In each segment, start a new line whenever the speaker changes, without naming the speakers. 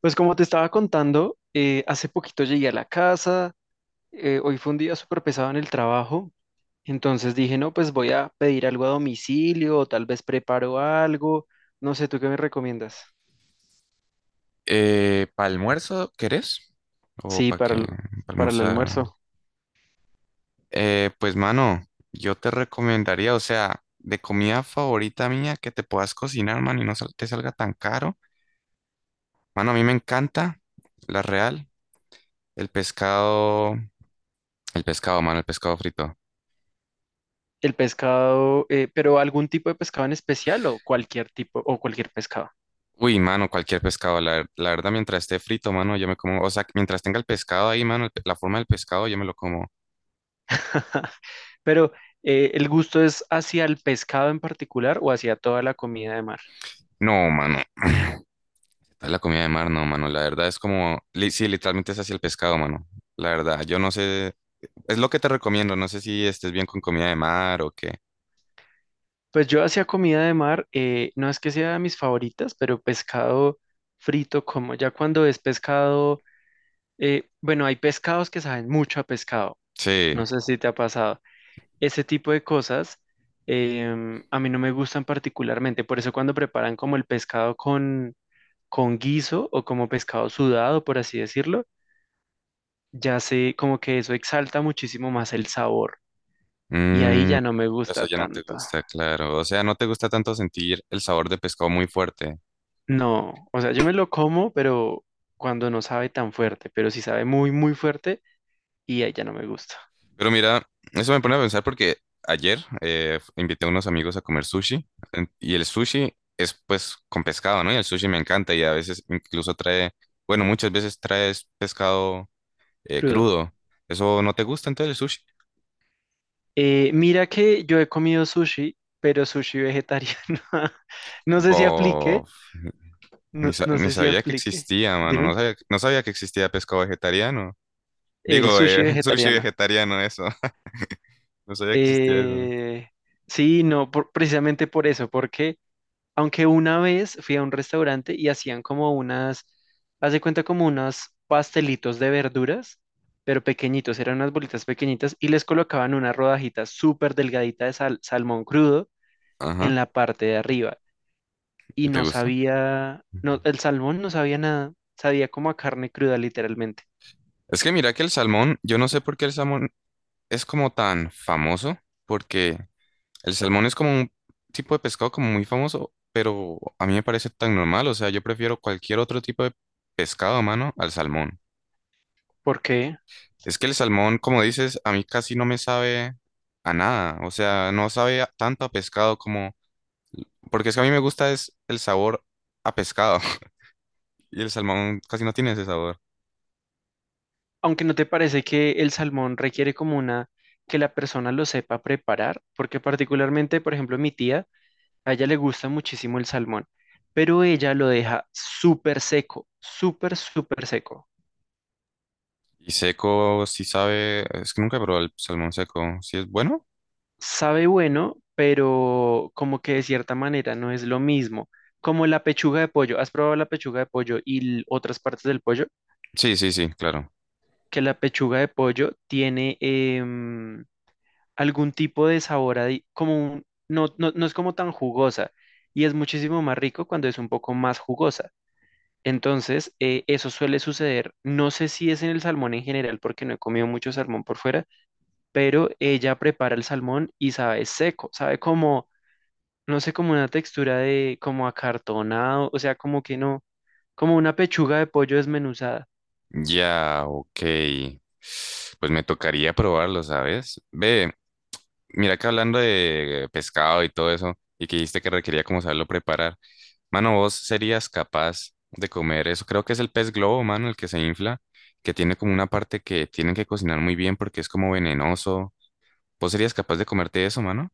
Pues como te estaba contando, hace poquito llegué a la casa, hoy fue un día súper pesado en el trabajo, entonces dije, no, pues voy a pedir algo a domicilio o tal vez preparo algo, no sé, ¿tú qué me recomiendas?
¿Para almuerzo querés? ¿O
Sí,
para qué? ¿Para
para el
almorzar?
almuerzo.
Pues mano, yo te recomendaría, o sea, de comida favorita mía que te puedas cocinar, mano, y no te salga tan caro. Mano, a mí me encanta la real, el pescado, mano, el pescado frito.
El pescado, pero algún tipo de pescado en especial o cualquier tipo o cualquier pescado.
Uy, mano, cualquier pescado, la verdad, mientras esté frito, mano, yo me como, o sea, mientras tenga el pescado ahí, mano, la forma del pescado, yo me lo como.
Pero ¿el gusto es hacia el pescado en particular o hacia toda la comida de mar?
No, mano. Es la comida de mar, no, mano. La verdad es como, sí, literalmente es así el pescado, mano. La verdad, yo no sé, es lo que te recomiendo. No sé si estés bien con comida de mar o qué.
Pues yo hacía comida de mar, no es que sea de mis favoritas, pero pescado frito como ya cuando es pescado, bueno, hay pescados que saben mucho a pescado,
Sí,
no sé si te ha pasado. Ese tipo de cosas a mí no me gustan particularmente, por eso cuando preparan como el pescado con guiso o como pescado sudado, por así decirlo, ya sé como que eso exalta muchísimo más el sabor y ahí
mm,
ya no me
eso
gusta
ya no te
tanto.
gusta, claro. O sea, no te gusta tanto sentir el sabor de pescado muy fuerte.
No, o sea, yo me lo como, pero cuando no sabe tan fuerte, pero si sabe muy, muy fuerte y ahí ya no me gusta.
Pero mira, eso me pone a pensar porque ayer invité a unos amigos a comer sushi y el sushi es pues con pescado, ¿no? Y el sushi me encanta y a veces incluso trae, bueno, muchas veces traes pescado
Crudo.
crudo. ¿Eso no te gusta entonces el sushi?
Mira que yo he comido sushi, pero sushi vegetariano. No sé si aplique,
Bof,
no
ni
sé si
sabía que
aplique.
existía, mano.
Dime.
No sabía que existía pescado vegetariano.
El
Digo,
sushi
sushi
vegetariano.
vegetariano, eso. No sabía que existía eso.
Eh, sí, no, precisamente por eso, porque aunque una vez fui a un restaurante y hacían como unas, haz de cuenta como unos pastelitos de verduras, pero pequeñitos, eran unas bolitas pequeñitas y les colocaban una rodajita súper delgadita de salmón crudo en
Ajá.
la parte de arriba. Y
¿Y te
no
gusta?
sabía, no, el salmón no sabía nada, sabía como a carne cruda literalmente.
Es que mira que el salmón, yo no sé por qué el salmón es como tan famoso, porque el salmón es como un tipo de pescado como muy famoso, pero a mí me parece tan normal, o sea, yo prefiero cualquier otro tipo de pescado a mano al salmón.
¿Por qué?
Es que el salmón, como dices, a mí casi no me sabe a nada, o sea, no sabe tanto a pescado como, porque es que a mí me gusta es el sabor a pescado y el salmón casi no tiene ese sabor.
Aunque no te parece que el salmón requiere como una, que la persona lo sepa preparar, porque particularmente, por ejemplo, mi tía, a ella le gusta muchísimo el salmón, pero ella lo deja súper seco, súper, súper seco.
Y seco sí sabe, es que nunca he probado el salmón seco, ¿sí es bueno?
Sabe bueno, pero como que de cierta manera no es lo mismo. Como la pechuga de pollo. ¿Has probado la pechuga de pollo y otras partes del pollo?
Sí, sí, sí, claro.
Que la pechuga de pollo tiene algún tipo de sabor, no, no, no es como tan jugosa y es muchísimo más rico cuando es un poco más jugosa. Entonces, eso suele suceder. No sé si es en el salmón en general, porque no he comido mucho salmón por fuera, pero ella prepara el salmón y sabe seco, sabe como, no sé, como una textura de, como acartonado, o sea, como que no, como una pechuga de pollo desmenuzada.
Ya, ok. Pues me tocaría probarlo, ¿sabes? Ve, mira que hablando de pescado y todo eso, y que dijiste que requería como saberlo preparar. Mano, vos serías capaz de comer eso. Creo que es el pez globo, mano, el que se infla, que tiene como una parte que tienen que cocinar muy bien porque es como venenoso. ¿Vos serías capaz de comerte eso, mano?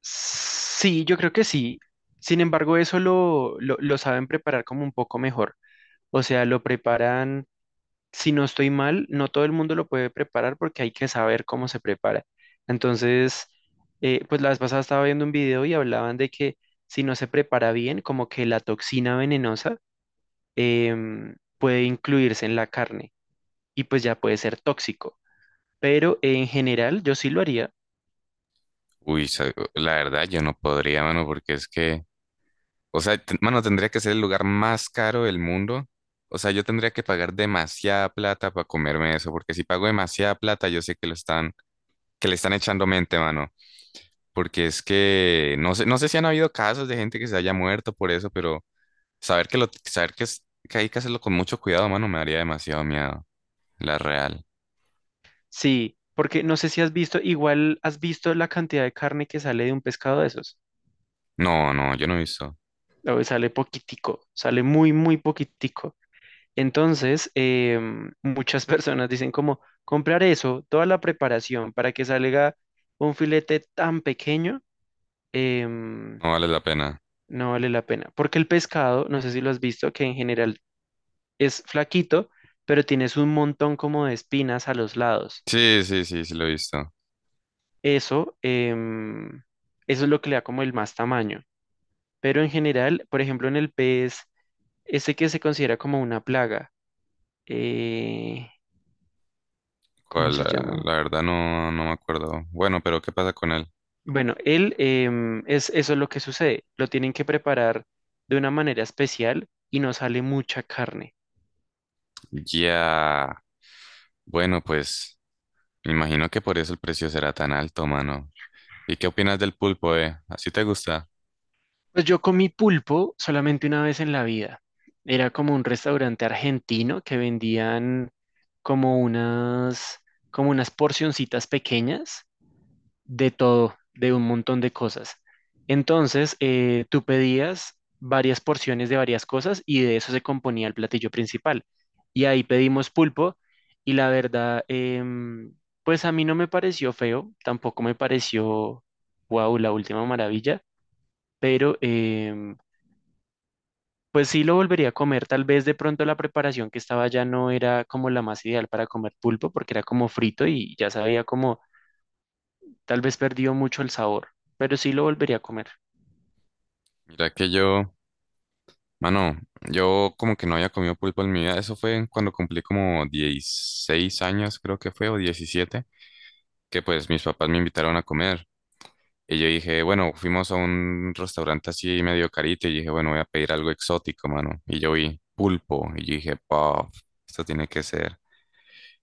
Sí, yo creo que sí. Sin embargo, eso lo saben preparar como un poco mejor. O sea, lo preparan si no estoy mal, no todo el mundo lo puede preparar porque hay que saber cómo se prepara. Entonces, pues la vez pasada estaba viendo un video y hablaban de que si no se prepara bien, como que la toxina venenosa puede incluirse en la carne y pues ya puede ser tóxico. Pero en general yo sí lo haría,
Uy, la verdad, yo no podría, mano, porque es que. O sea, mano, tendría que ser el lugar más caro del mundo. O sea, yo tendría que pagar demasiada plata para comerme eso, porque si pago demasiada plata, yo sé que que le están echando mente, mano. Porque es que no sé si han habido casos de gente que se haya muerto por eso, pero saber que, que hay que hacerlo con mucho cuidado, mano, me daría demasiado miedo. La real.
sí, porque no sé si has visto, igual has visto la cantidad de carne que sale de un pescado de esos.
No, no, yo no he visto.
A ver, sale poquitico, sale muy, muy poquitico. Entonces, muchas personas dicen como comprar eso, toda la preparación para que salga un filete tan pequeño, em,
No vale la pena.
no vale la pena. Porque el pescado, no sé si lo has visto, que en general es flaquito, pero tienes un montón como de espinas a los lados.
Sí, sí, sí, sí lo he visto.
Eso, eso es lo que le da como el más tamaño. Pero en general, por ejemplo, en el pez, ese que se considera como una plaga, eh, ¿cómo
¿Cuál? La,
se llama?
la verdad no, no me acuerdo. Bueno, pero ¿qué pasa con él?
Bueno, él es eso es lo que sucede. Lo tienen que preparar de una manera especial y no sale mucha carne.
Ya. Bueno, pues me imagino que por eso el precio será tan alto, mano. ¿Y qué opinas del pulpo, eh? ¿Así te gusta?
Pues yo comí pulpo solamente una vez en la vida. Era como un restaurante argentino que vendían como unas como unas porcioncitas pequeñas de todo, de un montón de cosas. Entonces, tú pedías varias porciones de varias cosas y de eso se componía el platillo principal. Y ahí pedimos pulpo y la verdad, pues a mí no me pareció feo, tampoco me pareció, wow, la última maravilla, pero pues sí lo volvería a comer. Tal vez de pronto la preparación que estaba ya no era como la más ideal para comer pulpo porque era como frito y ya sabía como, tal vez perdió mucho el sabor, pero sí lo volvería a comer.
Mira que yo, mano, yo como que no había comido pulpo en mi vida. Eso fue cuando cumplí como 16 años, creo que fue, o 17, que pues mis papás me invitaron a comer. Y yo dije, bueno, fuimos a un restaurante así medio carito y dije, bueno, voy a pedir algo exótico, mano. Y yo vi pulpo y yo dije, paf, esto tiene que ser.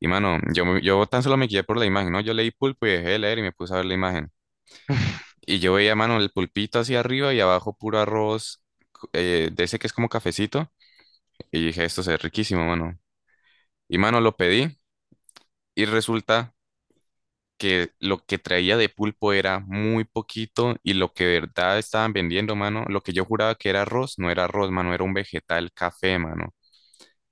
Y mano, yo tan solo me guié por la imagen, ¿no? Yo leí pulpo y dejé de leer y me puse a ver la imagen. Y yo veía, mano, el pulpito hacia arriba y abajo puro arroz de ese que es como cafecito. Y dije, esto se ve riquísimo, mano. Y mano, lo pedí y resulta que lo que traía de pulpo era muy poquito y lo que de verdad estaban vendiendo, mano, lo que yo juraba que era arroz, no era arroz, mano, era un vegetal café, mano.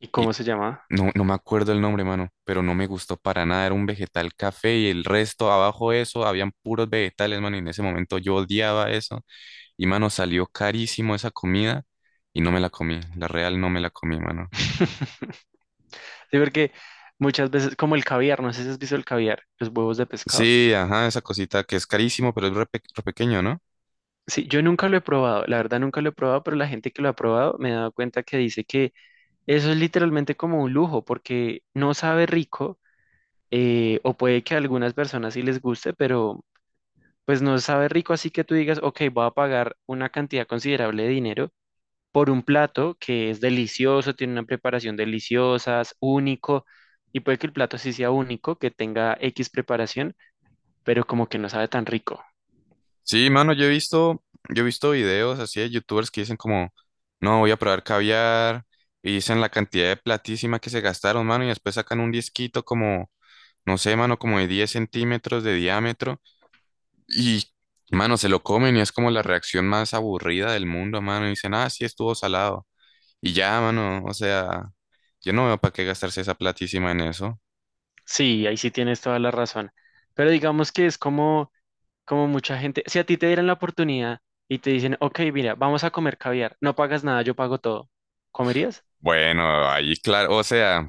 ¿Y
Y
cómo se llama?
no, no me acuerdo el nombre, mano, pero no me gustó para nada. Era un vegetal café y el resto, abajo de eso, habían puros vegetales, mano. Y en ese momento yo odiaba eso. Y, mano, salió carísimo esa comida y no me la comí. La real no me la comí, mano.
Sí, porque muchas veces, como el caviar, no sé si has visto el caviar, los huevos de pescado.
Sí, ajá, esa cosita que es carísimo, pero es re, re pequeño, ¿no?
Sí, yo nunca lo he probado, la verdad nunca lo he probado, pero la gente que lo ha probado me he dado cuenta que dice que eso es literalmente como un lujo, porque no sabe rico, o puede que a algunas personas sí les guste, pero pues no sabe rico, así que tú digas, ok, voy a pagar una cantidad considerable de dinero por un plato que es delicioso, tiene una preparación deliciosa, es único, y puede que el plato sí sea único, que tenga X preparación, pero como que no sabe tan rico.
Sí, mano, yo he visto videos así de youtubers que dicen como, no, voy a probar caviar. Y dicen la cantidad de platísima que se gastaron, mano, y después sacan un disquito como no sé, mano, como de 10 centímetros de diámetro y, mano, se lo comen y es como la reacción más aburrida del mundo, mano. Y dicen, ah, sí, estuvo salado. Y ya, mano, o sea, yo no veo para qué gastarse esa platísima en eso.
Sí, ahí sí tienes toda la razón. Pero digamos que es como, como mucha gente, si a ti te dieran la oportunidad y te dicen, ok, mira, vamos a comer caviar, no pagas nada, yo pago todo, ¿comerías?
Bueno, ahí, claro, o sea,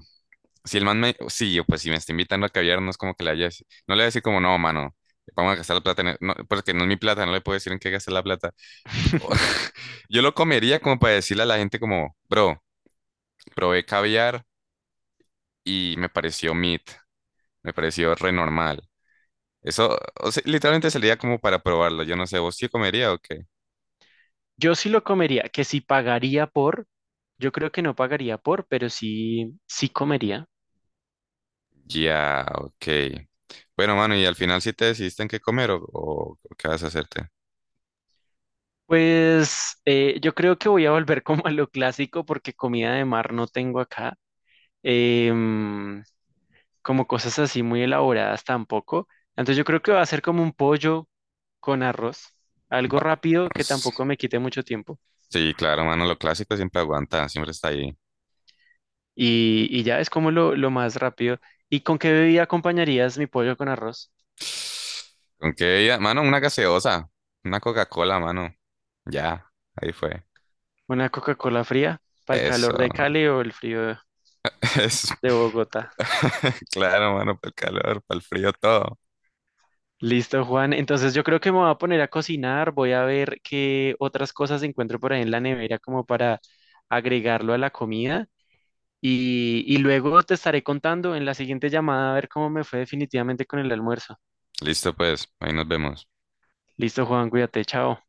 si el man me, sí, yo, pues si me está invitando a caviar, no es como que le haya, no le voy a decir como, no, mano. Vamos a gastar la plata en e-". No, porque no es mi plata, no le puedo decir en qué gastar la plata. Yo lo comería como para decirle a la gente como, bro, probé caviar y me pareció meat. Me pareció re normal. Eso, o sea, literalmente salía como para probarlo. Yo no sé, ¿vos sí comería o qué?
Yo sí lo comería, que si pagaría por, yo creo que no pagaría por, pero sí, sí comería.
Ya, ok. Bueno, mano, y al final sí te decidiste en qué comer o qué vas a hacerte.
Pues yo creo que voy a volver como a lo clásico porque comida de mar no tengo acá, em, como cosas así muy elaboradas tampoco. Entonces yo creo que va a ser como un pollo con arroz, algo rápido que
Vamos.
tampoco me quite mucho tiempo.
Sí, claro, mano, lo clásico siempre aguanta, siempre está ahí.
Y ya es como lo más rápido. ¿Y con qué bebida acompañarías mi pollo con arroz?
¿Con qué bebida? Mano, una gaseosa, una Coca-Cola, mano. Ya, ahí fue.
¿Una Coca-Cola fría para el calor
Eso.
de Cali o el frío
Eso.
de Bogotá?
Claro, mano, para el calor, para el frío, todo.
Listo, Juan. Entonces yo creo que me voy a poner a cocinar. Voy a ver qué otras cosas encuentro por ahí en la nevera como para agregarlo a la comida. Y luego te estaré contando en la siguiente llamada a ver cómo me fue definitivamente con el almuerzo.
Listo, pues, ahí nos vemos.
Listo, Juan, cuídate, chao.